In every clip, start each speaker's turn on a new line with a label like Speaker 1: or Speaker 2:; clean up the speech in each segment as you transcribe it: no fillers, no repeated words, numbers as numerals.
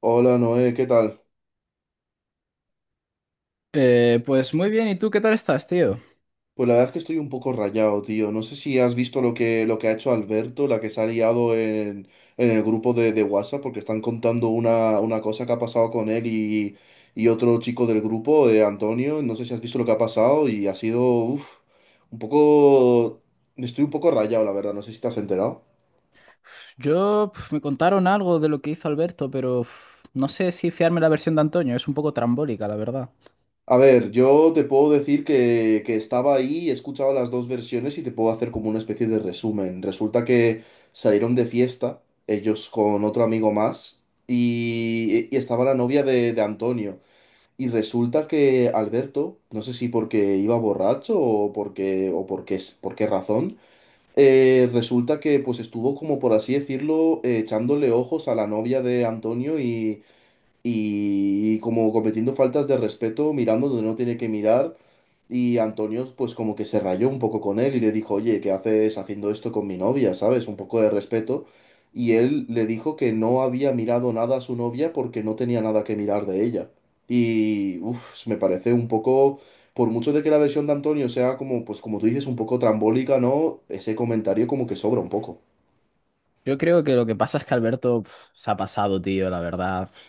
Speaker 1: Hola Noé, ¿qué tal?
Speaker 2: Pues muy bien, ¿y tú qué tal estás, tío?
Speaker 1: Pues la verdad es que estoy un poco rayado, tío. No sé si has visto lo que ha hecho Alberto, la que se ha liado en el grupo de WhatsApp, porque están contando una cosa que ha pasado con él y otro chico del grupo, Antonio. No sé si has visto lo que ha pasado y ha sido, un poco... Estoy un poco rayado, la verdad. No sé si te has enterado.
Speaker 2: Yo me contaron algo de lo que hizo Alberto, pero no sé si fiarme la versión de Antonio, es un poco trambólica, la verdad.
Speaker 1: A ver, yo te puedo decir que estaba ahí, he escuchado las dos versiones y te puedo hacer como una especie de resumen. Resulta que salieron de fiesta, ellos con otro amigo más, y estaba la novia de Antonio. Y resulta que Alberto, no sé si porque iba borracho o porque, por qué razón, resulta que pues estuvo como por así decirlo, echándole ojos a la novia de Antonio y como cometiendo faltas de respeto, mirando donde no tiene que mirar. Y Antonio, pues como que se rayó un poco con él y le dijo, oye, ¿qué haces haciendo esto con mi novia? ¿Sabes? Un poco de respeto. Y él le dijo que no había mirado nada a su novia porque no tenía nada que mirar de ella. Y, me parece un poco, por mucho de que la versión de Antonio sea como, pues como tú dices, un poco trambólica, ¿no? Ese comentario como que sobra un poco.
Speaker 2: Yo creo que lo que pasa es que Alberto se ha pasado, tío, la verdad.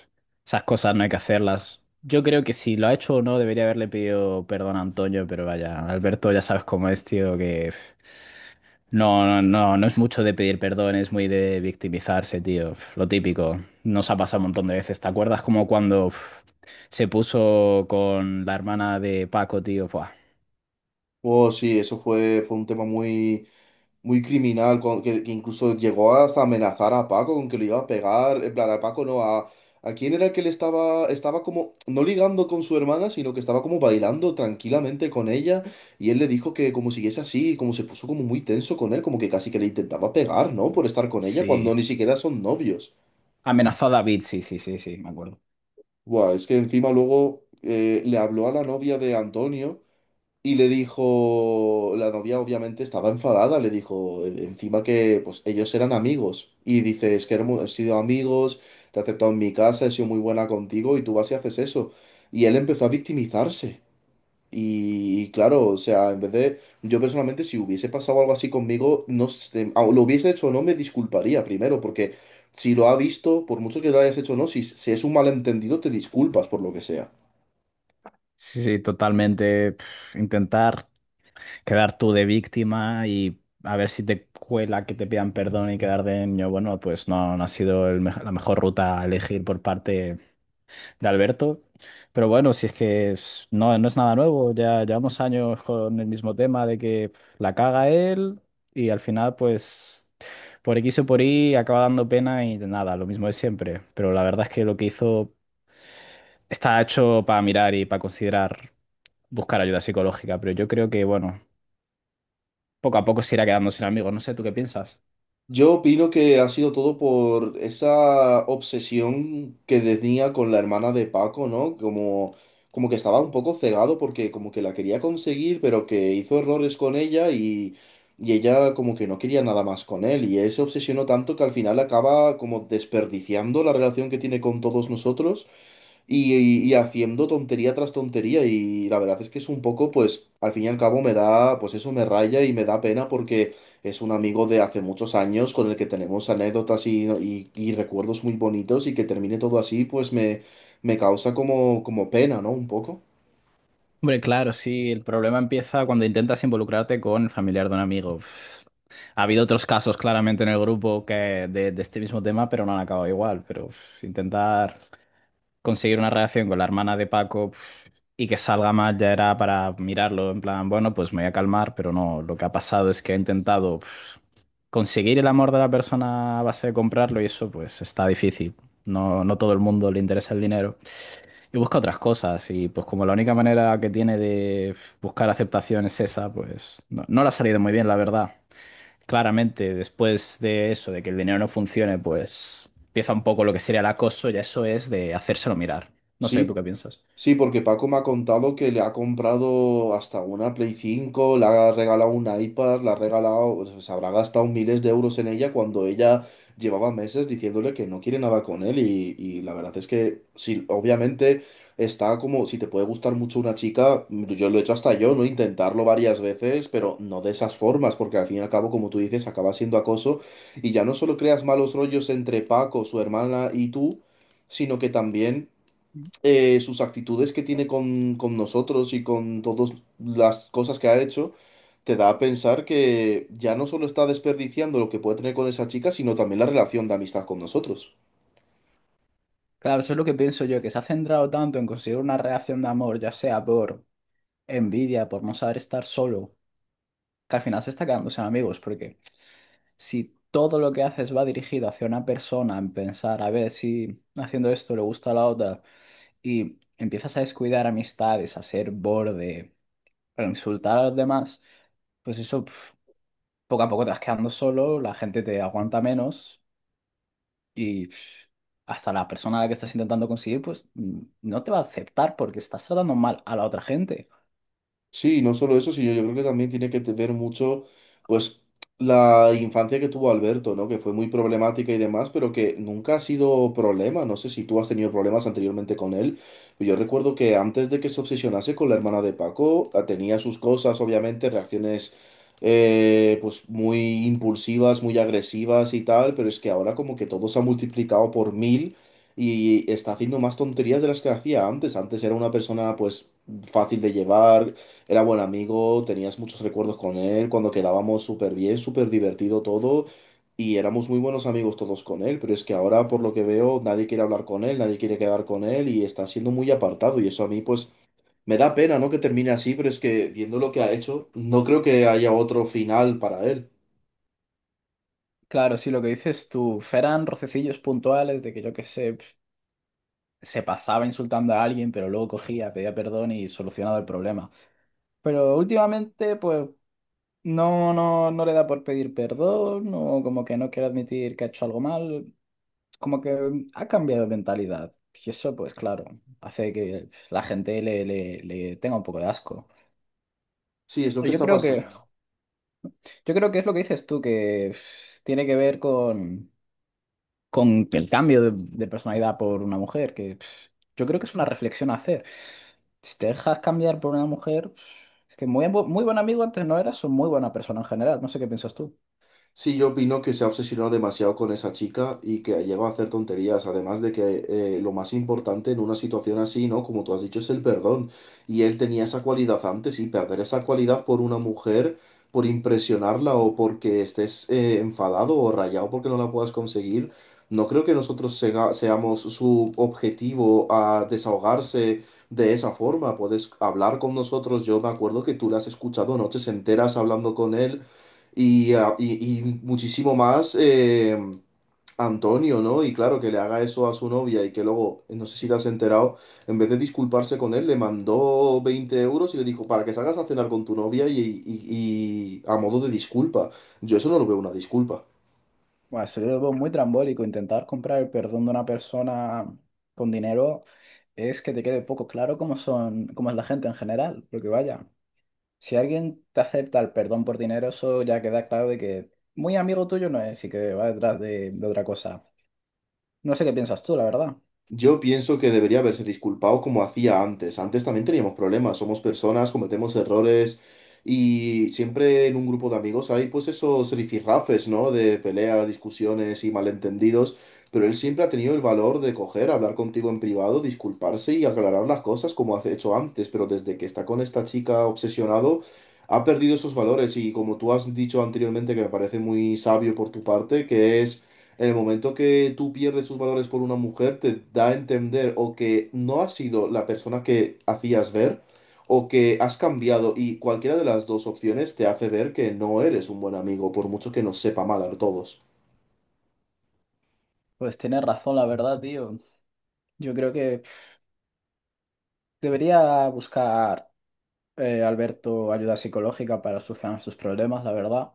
Speaker 2: Esas cosas no hay que hacerlas. Yo creo que si lo ha hecho o no, debería haberle pedido perdón a Antonio, pero vaya, Alberto ya sabes cómo es, tío, que no, no, no, no es mucho de pedir perdón, es muy de victimizarse, tío. Lo típico. Nos ha pasado un montón de veces. ¿Te acuerdas como cuando se puso con la hermana de Paco, tío? Buah,
Speaker 1: Oh, sí, eso fue, fue un tema muy muy criminal, que incluso llegó hasta amenazar a Paco con que lo iba a pegar, en plan, a Paco no, a quién era el que le estaba, estaba como, no ligando con su hermana, sino que estaba como bailando tranquilamente con ella, y él le dijo que como siguiese así, como se puso como muy tenso con él, como que casi que le intentaba pegar, ¿no? Por estar con ella
Speaker 2: sí.
Speaker 1: cuando ni siquiera son novios.
Speaker 2: Amenazó a David, sí, sí, sí, sí, me acuerdo.
Speaker 1: Buah, es que encima luego le habló a la novia de Antonio. Y le dijo, la novia obviamente estaba enfadada, le dijo encima que pues ellos eran amigos. Y dice, es que hemos sido amigos, te he aceptado en mi casa, he sido muy buena contigo y tú vas y haces eso. Y él empezó a victimizarse. Y claro, o sea, en vez de, yo personalmente si hubiese pasado algo así conmigo, no sé, lo hubiese hecho o no, me disculparía primero, porque si lo ha visto, por mucho que lo hayas hecho o no, si, si es un malentendido, te disculpas por lo que sea.
Speaker 2: Sí, sí, totalmente. Intentar. Quedar tú de víctima y a ver si te cuela que te pidan perdón y quedar de niño, bueno, pues no, no ha sido el la mejor ruta a elegir por parte de Alberto. Pero bueno, si es que no, no es nada nuevo, ya llevamos años con el mismo tema de que la caga él y al final pues por X o por Y acaba dando pena y nada, lo mismo de siempre. Pero la verdad es que lo que hizo está hecho para mirar y para considerar buscar ayuda psicológica, pero yo creo que bueno. Poco a poco se irá quedando sin amigos. No sé, ¿tú qué piensas?
Speaker 1: Yo opino que ha sido todo por esa obsesión que tenía con la hermana de Paco, ¿no? Como, como que estaba un poco cegado porque como que la quería conseguir, pero que hizo errores con ella y ella como que no quería nada más con él. Y él se obsesionó tanto que al final acaba como desperdiciando la relación que tiene con todos nosotros. Y, y haciendo tontería tras tontería y la verdad es que es un poco, pues al fin y al cabo me da, pues eso me raya y me da pena porque es un amigo de hace muchos años con el que tenemos anécdotas y, y recuerdos muy bonitos y que termine todo así, pues me causa como, como pena, ¿no? Un poco.
Speaker 2: Hombre, claro, sí, el problema empieza cuando intentas involucrarte con el familiar de un amigo. Ha habido otros casos claramente en el grupo que de este mismo tema, pero no han acabado igual. Pero intentar conseguir una relación con la hermana de Paco y que salga mal ya era para mirarlo, en plan, bueno, pues me voy a calmar, pero no, lo que ha pasado es que he intentado conseguir el amor de la persona a base de comprarlo y eso pues está difícil. No, no todo el mundo le interesa el dinero. Y busca otras cosas y pues como la única manera que tiene de buscar aceptación es esa, pues no, no le ha salido muy bien, la verdad. Claramente, después de eso, de que el dinero no funcione, pues empieza un poco lo que sería el acoso y eso es de hacérselo mirar. No sé, ¿tú
Speaker 1: Sí.
Speaker 2: qué piensas?
Speaker 1: Sí, porque Paco me ha contado que le ha comprado hasta una Play 5, le ha regalado un iPad, le ha regalado, o sea, se habrá gastado miles de euros en ella cuando ella llevaba meses diciéndole que no quiere nada con él y la verdad es que sí, obviamente está como, si te puede gustar mucho una chica, yo lo he hecho hasta yo, ¿no? Intentarlo varias veces, pero no de esas formas, porque al fin y al cabo, como tú dices, acaba siendo acoso y ya no solo creas malos rollos entre Paco, su hermana y tú, sino que también sus actitudes que tiene con nosotros y con todas las cosas que ha hecho, te da a pensar que ya no solo está desperdiciando lo que puede tener con esa chica, sino también la relación de amistad con nosotros.
Speaker 2: Claro, eso es lo que pienso yo, que se ha centrado tanto en conseguir una reacción de amor, ya sea por envidia, por no saber estar solo, que al final se está quedando sin amigos, porque si todo lo que haces va dirigido hacia una persona, en pensar, a ver si haciendo esto le gusta a la otra, y empiezas a descuidar amistades, a ser borde, a insultar a los demás, pues eso. Poco a poco te vas quedando solo, la gente te aguanta menos y hasta la persona a la que estás intentando conseguir, pues no te va a aceptar porque estás tratando mal a la otra gente.
Speaker 1: Sí, y no solo eso, sino yo creo que también tiene que ver mucho, pues, la infancia que tuvo Alberto, ¿no? Que fue muy problemática y demás, pero que nunca ha sido problema. No sé si tú has tenido problemas anteriormente con él. Yo recuerdo que antes de que se obsesionase con la hermana de Paco, tenía sus cosas, obviamente, reacciones, pues, muy impulsivas, muy agresivas y tal, pero es que ahora como que todo se ha multiplicado por 1.000 y está haciendo más tonterías de las que hacía antes. Antes era una persona, pues, fácil de llevar era buen amigo, tenías muchos recuerdos con él, cuando quedábamos súper bien, súper divertido todo, y éramos muy buenos amigos todos con él, pero es que ahora, por lo que veo, nadie quiere hablar con él, nadie quiere quedar con él, y está siendo muy apartado, y eso a mí, pues, me da pena, ¿no? Que termine así, pero es que, viendo lo que ha hecho, no creo que haya otro final para él.
Speaker 2: Claro, sí, lo que dices tú, Feran rocecillos puntuales de que yo qué sé. Se pasaba insultando a alguien, pero luego cogía, pedía perdón y solucionaba el problema. Pero últimamente, pues, no le da por pedir perdón, o como que no quiere admitir que ha hecho algo mal, como que ha cambiado de mentalidad. Y eso, pues claro, hace que la gente le tenga un poco de asco.
Speaker 1: Sí, es lo que
Speaker 2: Yo
Speaker 1: está
Speaker 2: creo que,
Speaker 1: pasando.
Speaker 2: yo creo que es lo que dices tú, que tiene que ver con el cambio de personalidad por una mujer, que yo creo que es una reflexión a hacer. Si te dejas cambiar por una mujer, es que muy, muy buen amigo antes no eras, o muy buena persona en general, no sé qué piensas tú.
Speaker 1: Sí, yo opino que se ha obsesionado demasiado con esa chica y que ha a hacer tonterías. Además de que lo más importante en una situación así, ¿no? Como tú has dicho, es el perdón. Y él tenía esa cualidad antes y perder esa cualidad por una mujer, por impresionarla o porque estés enfadado o rayado porque no la puedas conseguir, no creo que nosotros seamos su objetivo a desahogarse. De esa forma, puedes hablar con nosotros. Yo me acuerdo que tú la has escuchado noches enteras hablando con él y, y muchísimo más Antonio, ¿no? Y claro, que le haga eso a su novia y que luego, no sé si te has enterado, en vez de disculparse con él, le mandó 20 euros y le dijo, para que salgas a cenar con tu novia y a modo de disculpa. Yo eso no lo veo una disculpa.
Speaker 2: Bueno, eso yo lo veo muy trambólico, intentar comprar el perdón de una persona con dinero es que te quede poco claro cómo son, cómo es la gente en general, porque vaya, si alguien te acepta el perdón por dinero, eso ya queda claro de que muy amigo tuyo no es y que va detrás de otra cosa. No sé qué piensas tú, la verdad.
Speaker 1: Yo pienso que debería haberse disculpado como hacía antes. Antes también teníamos problemas, somos personas, cometemos errores y siempre en un grupo de amigos hay pues esos rifirrafes, ¿no? De peleas, discusiones y malentendidos, pero él siempre ha tenido el valor de coger, hablar contigo en privado, disculparse y aclarar las cosas como ha hecho antes, pero desde que está con esta chica obsesionado, ha perdido esos valores y como tú has dicho anteriormente, que me parece muy sabio por tu parte, que es en el momento que tú pierdes tus valores por una mujer, te da a entender o que no has sido la persona que hacías ver o que has cambiado y cualquiera de las dos opciones te hace ver que no eres un buen amigo, por mucho que nos sepa mal a todos.
Speaker 2: Pues tienes razón, la verdad, tío. Yo creo que debería buscar Alberto ayuda psicológica para solucionar sus problemas, la verdad.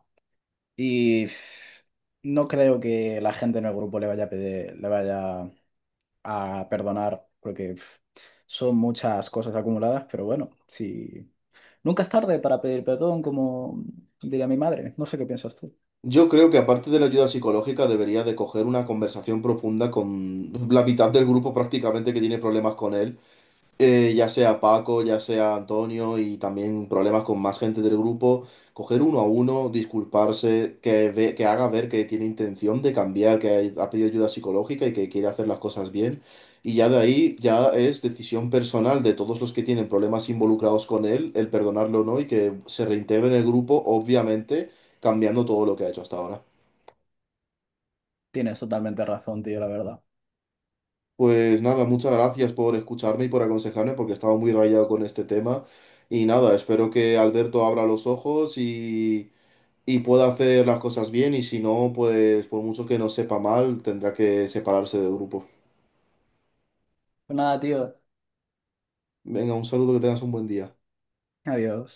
Speaker 2: Y no creo que la gente en el grupo le vaya a le vaya a perdonar, porque son muchas cosas acumuladas, pero bueno, si nunca es tarde para pedir perdón, como diría mi madre. No sé qué piensas tú.
Speaker 1: Yo creo que aparte de la ayuda psicológica debería de coger una conversación profunda con la mitad del grupo prácticamente que tiene problemas con él ya sea Paco, ya sea Antonio y también problemas con más gente del grupo, coger uno a uno, disculparse, que, que haga ver que tiene intención de cambiar, que ha pedido ayuda psicológica y que quiere hacer las cosas bien. Y ya de ahí ya es decisión personal de todos los que tienen problemas involucrados con él, el perdonarlo o no y que se reintegre en el grupo, obviamente cambiando todo lo que ha hecho hasta ahora.
Speaker 2: Tienes totalmente razón, tío, la verdad.
Speaker 1: Pues nada, muchas gracias por escucharme y por aconsejarme porque estaba muy rayado con este tema. Y nada, espero que Alberto abra los ojos y pueda hacer las cosas bien y si no, pues por mucho que no sepa mal, tendrá que separarse del grupo.
Speaker 2: Pues nada, tío.
Speaker 1: Venga, un saludo, que tengas un buen día.
Speaker 2: Adiós.